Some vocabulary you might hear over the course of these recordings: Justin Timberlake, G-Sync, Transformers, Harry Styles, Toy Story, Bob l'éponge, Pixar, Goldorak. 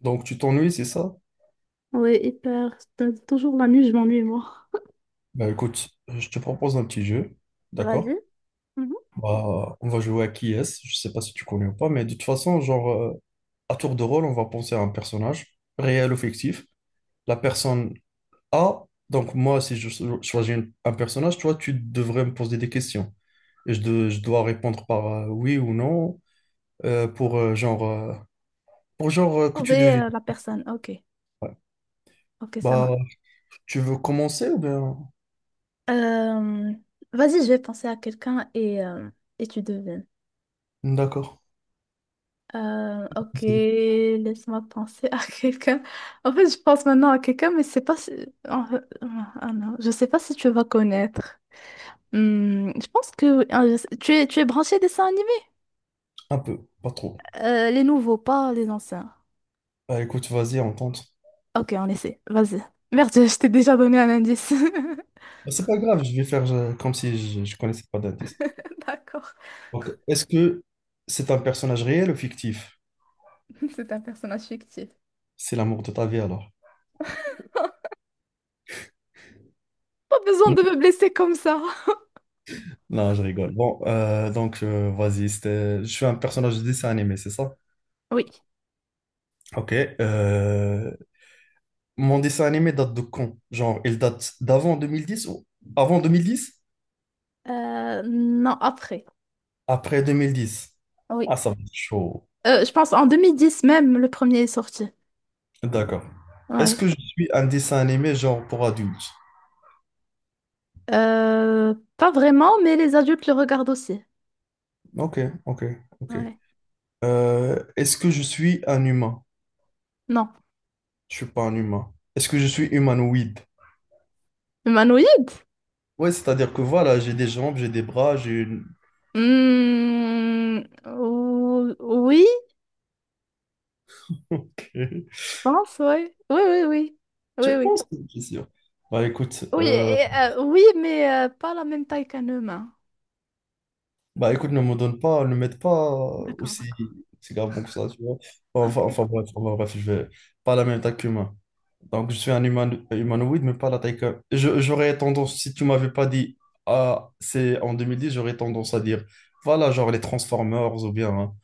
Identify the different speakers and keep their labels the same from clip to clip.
Speaker 1: Donc, tu t'ennuies, c'est ça?
Speaker 2: Ouais, hyper. T'as toujours la nuit, je m'ennuie, moi.
Speaker 1: Ben, écoute, je te propose un petit jeu, d'accord?
Speaker 2: Vas-y. Mhm.
Speaker 1: Bah, on va jouer à qui est-ce, je sais pas si tu connais ou pas, mais de toute façon, genre, à tour de rôle, on va penser à un personnage, réel ou fictif. La personne A, donc moi, si choisis un personnage, toi, tu devrais me poser des questions. Je dois répondre par oui ou non, pour, genre, pour genre que tu
Speaker 2: Trouver
Speaker 1: devines.
Speaker 2: la personne. Ok.
Speaker 1: Ouais.
Speaker 2: Ok, ça
Speaker 1: Bah,
Speaker 2: marche.
Speaker 1: tu veux commencer ou bien...
Speaker 2: Euh, vas-y, je vais penser à quelqu'un et et tu devines.
Speaker 1: D'accord.
Speaker 2: Ok,
Speaker 1: C'est
Speaker 2: laisse-moi penser à quelqu'un. En fait, je pense maintenant à quelqu'un, mais c'est pas si... en fait, ah ah, non, je sais pas si tu vas connaître. Hmm, je pense que ah, tu es branché dessin animé?
Speaker 1: un peu, pas trop.
Speaker 2: Les nouveaux, pas les anciens.
Speaker 1: Bah écoute, vas-y, on tente.
Speaker 2: Ok, on essaie. Vas-y. Merde, je t'ai déjà donné un indice.
Speaker 1: Bah, c'est pas grave, je vais faire comme si je connaissais pas d'indice.
Speaker 2: D'accord.
Speaker 1: Donc, est-ce que c'est un personnage réel ou fictif?
Speaker 2: C'est un personnage fictif.
Speaker 1: C'est l'amour de ta vie alors.
Speaker 2: Pas besoin
Speaker 1: Non,
Speaker 2: de me blesser comme ça.
Speaker 1: non, je rigole. Bon, donc vas-y, je suis un personnage de dessin animé, c'est ça?
Speaker 2: Oui.
Speaker 1: Ok. euh, Mon dessin animé date de quand? Genre, il date d'avant 2010 ou avant 2010?
Speaker 2: Non, après.
Speaker 1: Après 2010. Ah,
Speaker 2: Oui.
Speaker 1: ça va être chaud.
Speaker 2: Je pense en 2010 même, le premier est sorti.
Speaker 1: D'accord. Est-ce
Speaker 2: Ouais.
Speaker 1: que je suis un dessin animé genre pour adultes?
Speaker 2: Pas vraiment, mais les adultes le regardent aussi.
Speaker 1: Ok, ok, ok.
Speaker 2: Ouais.
Speaker 1: Est-ce que je suis un humain?
Speaker 2: Non.
Speaker 1: Je suis pas un humain. Est-ce que je suis humanoïde?
Speaker 2: Humanoïde?
Speaker 1: Ouais, c'est-à-dire que voilà, j'ai des jambes, j'ai des bras, j'ai une...
Speaker 2: Hmm, oui,
Speaker 1: Ok.
Speaker 2: je pense, ouais. Oui, oui, oui.
Speaker 1: Je
Speaker 2: Oui, oui.
Speaker 1: pense que c'est sûr. Bah écoute,
Speaker 2: Oui,
Speaker 1: euh,
Speaker 2: et, oui, mais pas la même taille qu'un humain.
Speaker 1: bah écoute, ne me donne pas, ne m'aide pas
Speaker 2: D'accord,
Speaker 1: aussi,
Speaker 2: d'accord.
Speaker 1: aussi grave que ça, tu vois. Enfin,
Speaker 2: Ok.
Speaker 1: bref, je vais pas à la même taille qu'humain. Donc, je suis un humanoïde, mais pas la taille que. J'aurais tendance, si tu m'avais pas dit, ah, c'est en deux mille dix, j'aurais tendance à dire, voilà, genre les Transformers, ou bien, hein,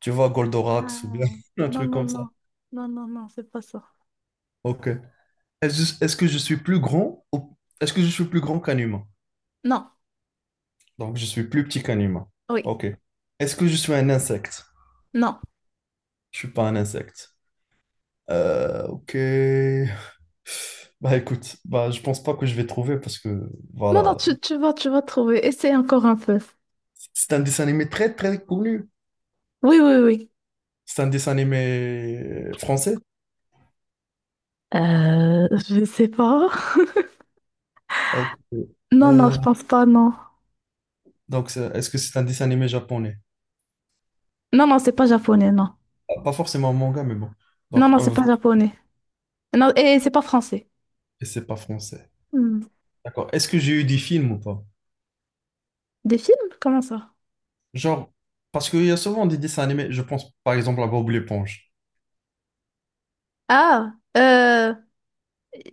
Speaker 1: tu vois, Goldorak, ou bien
Speaker 2: Ah,
Speaker 1: un
Speaker 2: non,
Speaker 1: truc
Speaker 2: non,
Speaker 1: comme ça.
Speaker 2: non. Non, non, non, c'est pas ça.
Speaker 1: Ok. Est-ce que je suis plus grand est-ce que je suis plus grand qu'un humain?
Speaker 2: Non.
Speaker 1: Donc, je suis plus petit qu'un humain.
Speaker 2: Oui,
Speaker 1: Ok. Est-ce que je suis un insecte?
Speaker 2: non.
Speaker 1: Je suis pas un insecte. Ok. Bah écoute, bah je pense pas que je vais trouver parce que
Speaker 2: Non, non,
Speaker 1: voilà,
Speaker 2: tu vas trouver. Essaye encore un peu.
Speaker 1: c'est un dessin animé très très connu.
Speaker 2: Oui, oui, oui.
Speaker 1: C'est un dessin animé français?
Speaker 2: Je sais pas.
Speaker 1: Ok.
Speaker 2: Non, non,
Speaker 1: Euh,
Speaker 2: je pense pas, non.
Speaker 1: donc, est-ce que c'est un dessin animé japonais?
Speaker 2: Non, non, c'est pas japonais, non.
Speaker 1: Pas forcément un manga, mais bon.
Speaker 2: Non,
Speaker 1: Donc,
Speaker 2: non, c'est pas japonais. Non, et c'est pas français.
Speaker 1: et c'est pas français.
Speaker 2: Hmm.
Speaker 1: D'accord. Est-ce que j'ai eu des films ou pas?
Speaker 2: Des films? Comment ça?
Speaker 1: Genre, parce qu'il y a souvent des dessins animés. Je pense, par exemple, à Bob l'éponge.
Speaker 2: Ah,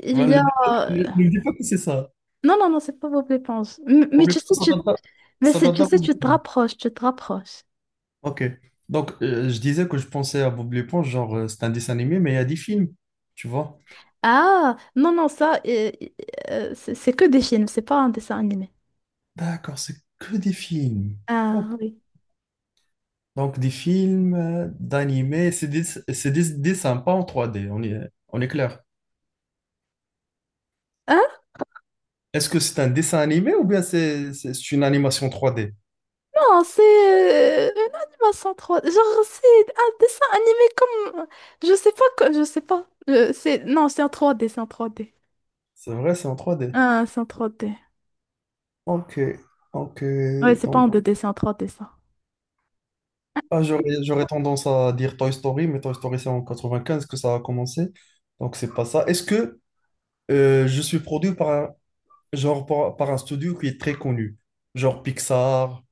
Speaker 2: il
Speaker 1: Ben,
Speaker 2: y a...
Speaker 1: ne dis pas que c'est ça.
Speaker 2: Non, non, non, c'est pas Bob l'éponge. Mais,
Speaker 1: Bob
Speaker 2: tu
Speaker 1: l'éponge,
Speaker 2: sais,
Speaker 1: ça
Speaker 2: tu...
Speaker 1: date d'avant.
Speaker 2: Mais
Speaker 1: Ça
Speaker 2: c'est,
Speaker 1: date
Speaker 2: tu sais,
Speaker 1: d'avant.
Speaker 2: tu te rapproches, tu te rapproches.
Speaker 1: Ok. Donc, je disais que je pensais à Bob l'éponge, genre, c'est un dessin animé, mais il y a des films. Tu vois?
Speaker 2: Ah, non, non, ça, c'est que des films, c'est pas un dessin animé.
Speaker 1: D'accord, c'est que des films. Ok.
Speaker 2: Ah, oui.
Speaker 1: Donc, des films, d'animés, c'est des dessins, pas en 3D, on est clair.
Speaker 2: Ah,
Speaker 1: Est-ce que c'est un dessin animé ou bien c'est une animation 3D?
Speaker 2: non, c'est une animation 3D. Genre, c'est un dessin animé comme... Je sais pas, je sais pas. C'est... Non, c'est en 3D.
Speaker 1: C'est vrai, c'est en 3D.
Speaker 2: Ah, c'est en 3D.
Speaker 1: Ok, ok.
Speaker 2: Ouais, c'est pas en
Speaker 1: Donc,
Speaker 2: 2D, c'est en 3D, ça.
Speaker 1: ah, j'aurais tendance à dire Toy Story, mais Toy Story, c'est en 95 que ça a commencé. Donc, c'est pas ça. Est-ce que je suis produit par genre, par un studio qui est très connu? Genre Pixar,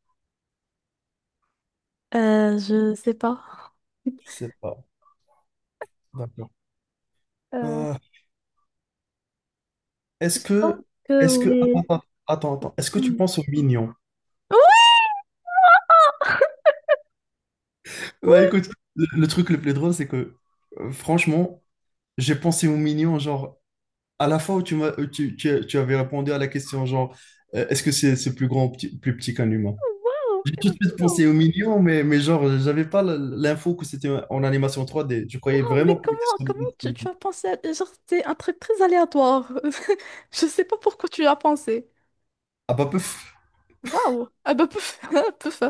Speaker 2: Je sais pas.
Speaker 1: je sais pas. D'accord.
Speaker 2: Euh,
Speaker 1: Est-ce
Speaker 2: je pense
Speaker 1: que,
Speaker 2: que
Speaker 1: est-ce que,
Speaker 2: oui.
Speaker 1: attends. Est-ce que tu
Speaker 2: Hmm.
Speaker 1: penses aux mignons?
Speaker 2: Oui,
Speaker 1: Bah
Speaker 2: oui,
Speaker 1: écoute, le truc le plus drôle, c'est que, franchement, j'ai pensé aux mignons, genre, à la fois où tu m'as, tu avais répondu à la question, genre, est-ce que c'est plus grand ou plus petit qu'un humain?
Speaker 2: waouh,
Speaker 1: J'ai tout de suite
Speaker 2: waouh,
Speaker 1: pensé aux mignons, mais genre, j'avais pas l'info que c'était en animation 3D. Je croyais
Speaker 2: waouh,
Speaker 1: vraiment
Speaker 2: mais
Speaker 1: qu'on était
Speaker 2: comment,
Speaker 1: sur des dessins
Speaker 2: tu
Speaker 1: animés.
Speaker 2: as pensé à... Genre, c'est un truc très aléatoire. Je sais pas pourquoi tu y as pensé.
Speaker 1: Ah bah, peuf.
Speaker 2: Waouh. Ah bah, pouf, pouf.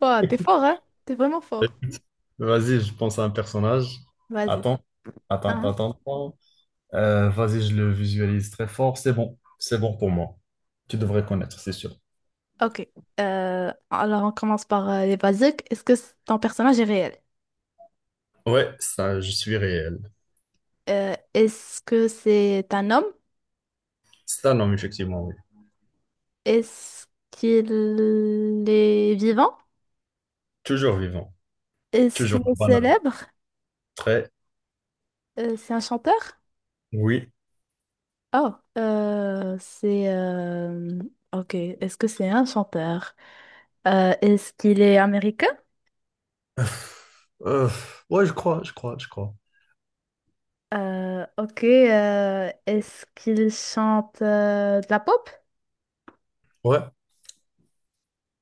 Speaker 2: Ouah, t'es fort, hein? T'es vraiment fort.
Speaker 1: C'est un personnage.
Speaker 2: Vas-y.
Speaker 1: Attends, attends,
Speaker 2: Hein.
Speaker 1: attends, attends. Vas-y, je le visualise très fort. C'est bon pour moi. Tu devrais connaître, c'est sûr.
Speaker 2: Ok. Alors, on commence par les basiques. Est-ce que ton personnage est réel?
Speaker 1: Ouais, ça, je suis réel.
Speaker 2: Est-ce que c'est un homme?
Speaker 1: C'est un homme, effectivement, oui.
Speaker 2: Est-ce qu'il est vivant?
Speaker 1: Toujours vivant,
Speaker 2: Est-ce
Speaker 1: toujours
Speaker 2: qu'il est
Speaker 1: banal.
Speaker 2: célèbre?
Speaker 1: Très,
Speaker 2: C'est un chanteur?
Speaker 1: oui.
Speaker 2: Oh, ok. Est-ce que c'est un chanteur? Est-ce qu'il est américain?
Speaker 1: Euh, ouais, je crois.
Speaker 2: Ok. Est-ce qu'il chante de la pop?
Speaker 1: Ouais,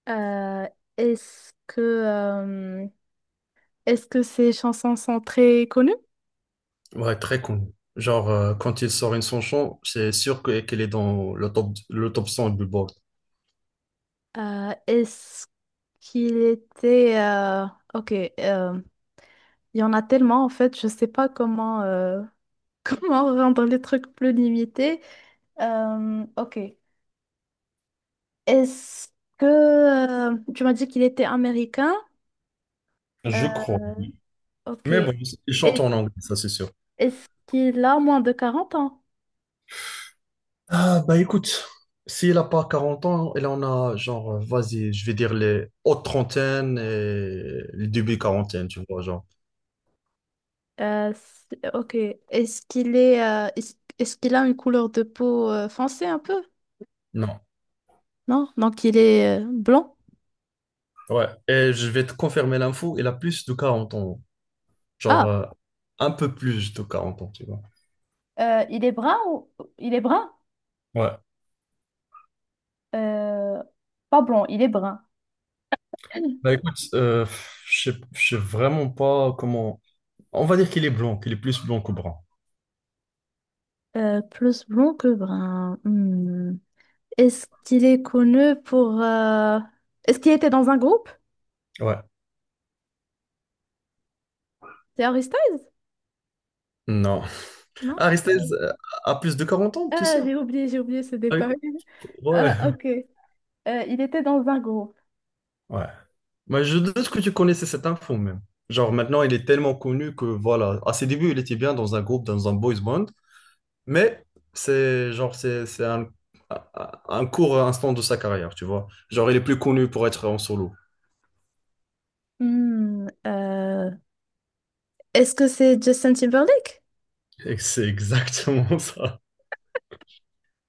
Speaker 2: Euh, est-ce que euh, est-ce que ces chansons sont très connues?
Speaker 1: ouais, très connu. Genre, quand il sort une chanson, c'est sûr qu'elle est dans le top 100 du Billboard.
Speaker 2: Est-ce qu'il était ok, euh, il y en a tellement en fait je sais pas comment comment rendre les trucs plus limités. Ok est-ce que tu m'as dit qu'il était américain?
Speaker 1: Je
Speaker 2: Euh,
Speaker 1: crois, oui.
Speaker 2: ok
Speaker 1: Mais bon,
Speaker 2: Est-
Speaker 1: il chante en anglais, ça, c'est sûr.
Speaker 2: est-ce qu'il a moins de 40 ans?
Speaker 1: Ah, bah écoute, si elle a pas 40 ans, elle en a genre, vas-y, je vais dire les hautes trentaines et les débuts quarantaines, tu vois, genre.
Speaker 2: Ok. Est-ce qu'il est, est-ce qu'il a une couleur de peau foncée un peu?
Speaker 1: Non.
Speaker 2: Non? Donc il est blanc?
Speaker 1: Ouais. Et je vais te confirmer l'info, elle a plus de 40 ans. Genre,
Speaker 2: Ah,
Speaker 1: un peu plus de quarante ans, tu vois.
Speaker 2: euh, il est brun ou... Il est brun?
Speaker 1: Ouais.
Speaker 2: Euh, pas blond, il est brun.
Speaker 1: Bah écoute, je sais vraiment pas comment. On va dire qu'il est blond, qu'il est plus blond que brun.
Speaker 2: Euh, plus blond que brun. Hmm. Est-ce qu'il est connu pour... Est-ce qu'il était dans un groupe?
Speaker 1: Ouais.
Speaker 2: C'est Harry Styles?
Speaker 1: Non.
Speaker 2: Non? Euh,
Speaker 1: Aristote a plus de 40 ans, tu
Speaker 2: Ah,
Speaker 1: sais?
Speaker 2: j'ai oublié ce
Speaker 1: Ah,
Speaker 2: détail.
Speaker 1: écoute, ouais,
Speaker 2: Ah, ok. Il était dans un groupe.
Speaker 1: ouais. Mais je doute que tu connaissais cette info même. Genre maintenant, il est tellement connu que voilà, à ses débuts, il était bien dans un groupe, dans un boys band, mais c'est genre c'est un court instant de sa carrière, tu vois. Genre il est plus connu pour être en solo.
Speaker 2: Hmm, euh, Est-ce que c'est Justin Timberlake?
Speaker 1: Et c'est exactement ça.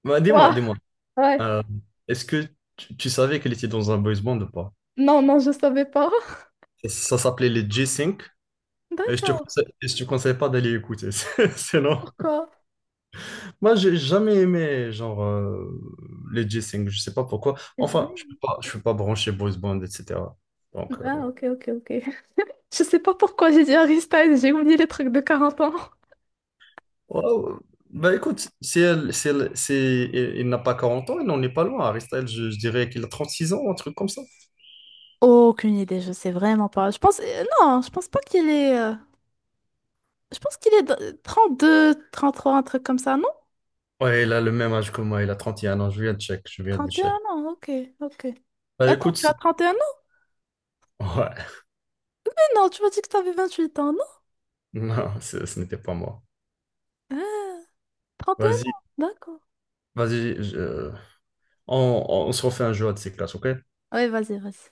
Speaker 1: Bah,
Speaker 2: Ouah,
Speaker 1: dis-moi,
Speaker 2: ouais.
Speaker 1: euh, est-ce que tu savais qu'il était dans un boys band ou pas?
Speaker 2: Non, non, je savais pas.
Speaker 1: Ça s'appelait les G-Sync et
Speaker 2: D'accord,
Speaker 1: et je te conseille pas d'aller écouter, sinon.
Speaker 2: pourquoi?
Speaker 1: Moi, j'ai jamais aimé genre les G-Sync, je sais pas pourquoi.
Speaker 2: C'est
Speaker 1: Enfin,
Speaker 2: vrai.
Speaker 1: je peux pas brancher Bruce Band, etc. Donc,
Speaker 2: Ah, ok, ok, ok. Je sais pas pourquoi j'ai dit Harry Styles, j'ai oublié les trucs de 40 ans.
Speaker 1: ouais, ouais. Bah écoute, si elle, si il n'a pas 40 ans, il n'en est pas loin. Harry Styles, je dirais qu'il a 36 ans, un truc comme ça.
Speaker 2: Aucune idée, je sais vraiment pas. Je pense, non, je pense pas qu'il est, je pense qu'il est 32, 33, un truc comme ça, non?
Speaker 1: Ouais, il a le même âge que moi, il a 31 ans. Je viens de check, je viens de
Speaker 2: Trente et
Speaker 1: check.
Speaker 2: un ans, ok, ok.
Speaker 1: Bah
Speaker 2: Attends,
Speaker 1: écoute,
Speaker 2: tu
Speaker 1: c'est-
Speaker 2: as 31 ans?
Speaker 1: ouais,
Speaker 2: Mais non, tu m'as dit que t'avais 8 ans, non?
Speaker 1: non, ce n'était pas moi.
Speaker 2: Ah, 31
Speaker 1: Vas-y,
Speaker 2: ans, d'accord.
Speaker 1: vas-y, je- on se refait un jeu à de ces classes, ok?
Speaker 2: Ouais, vas-y, vas-y.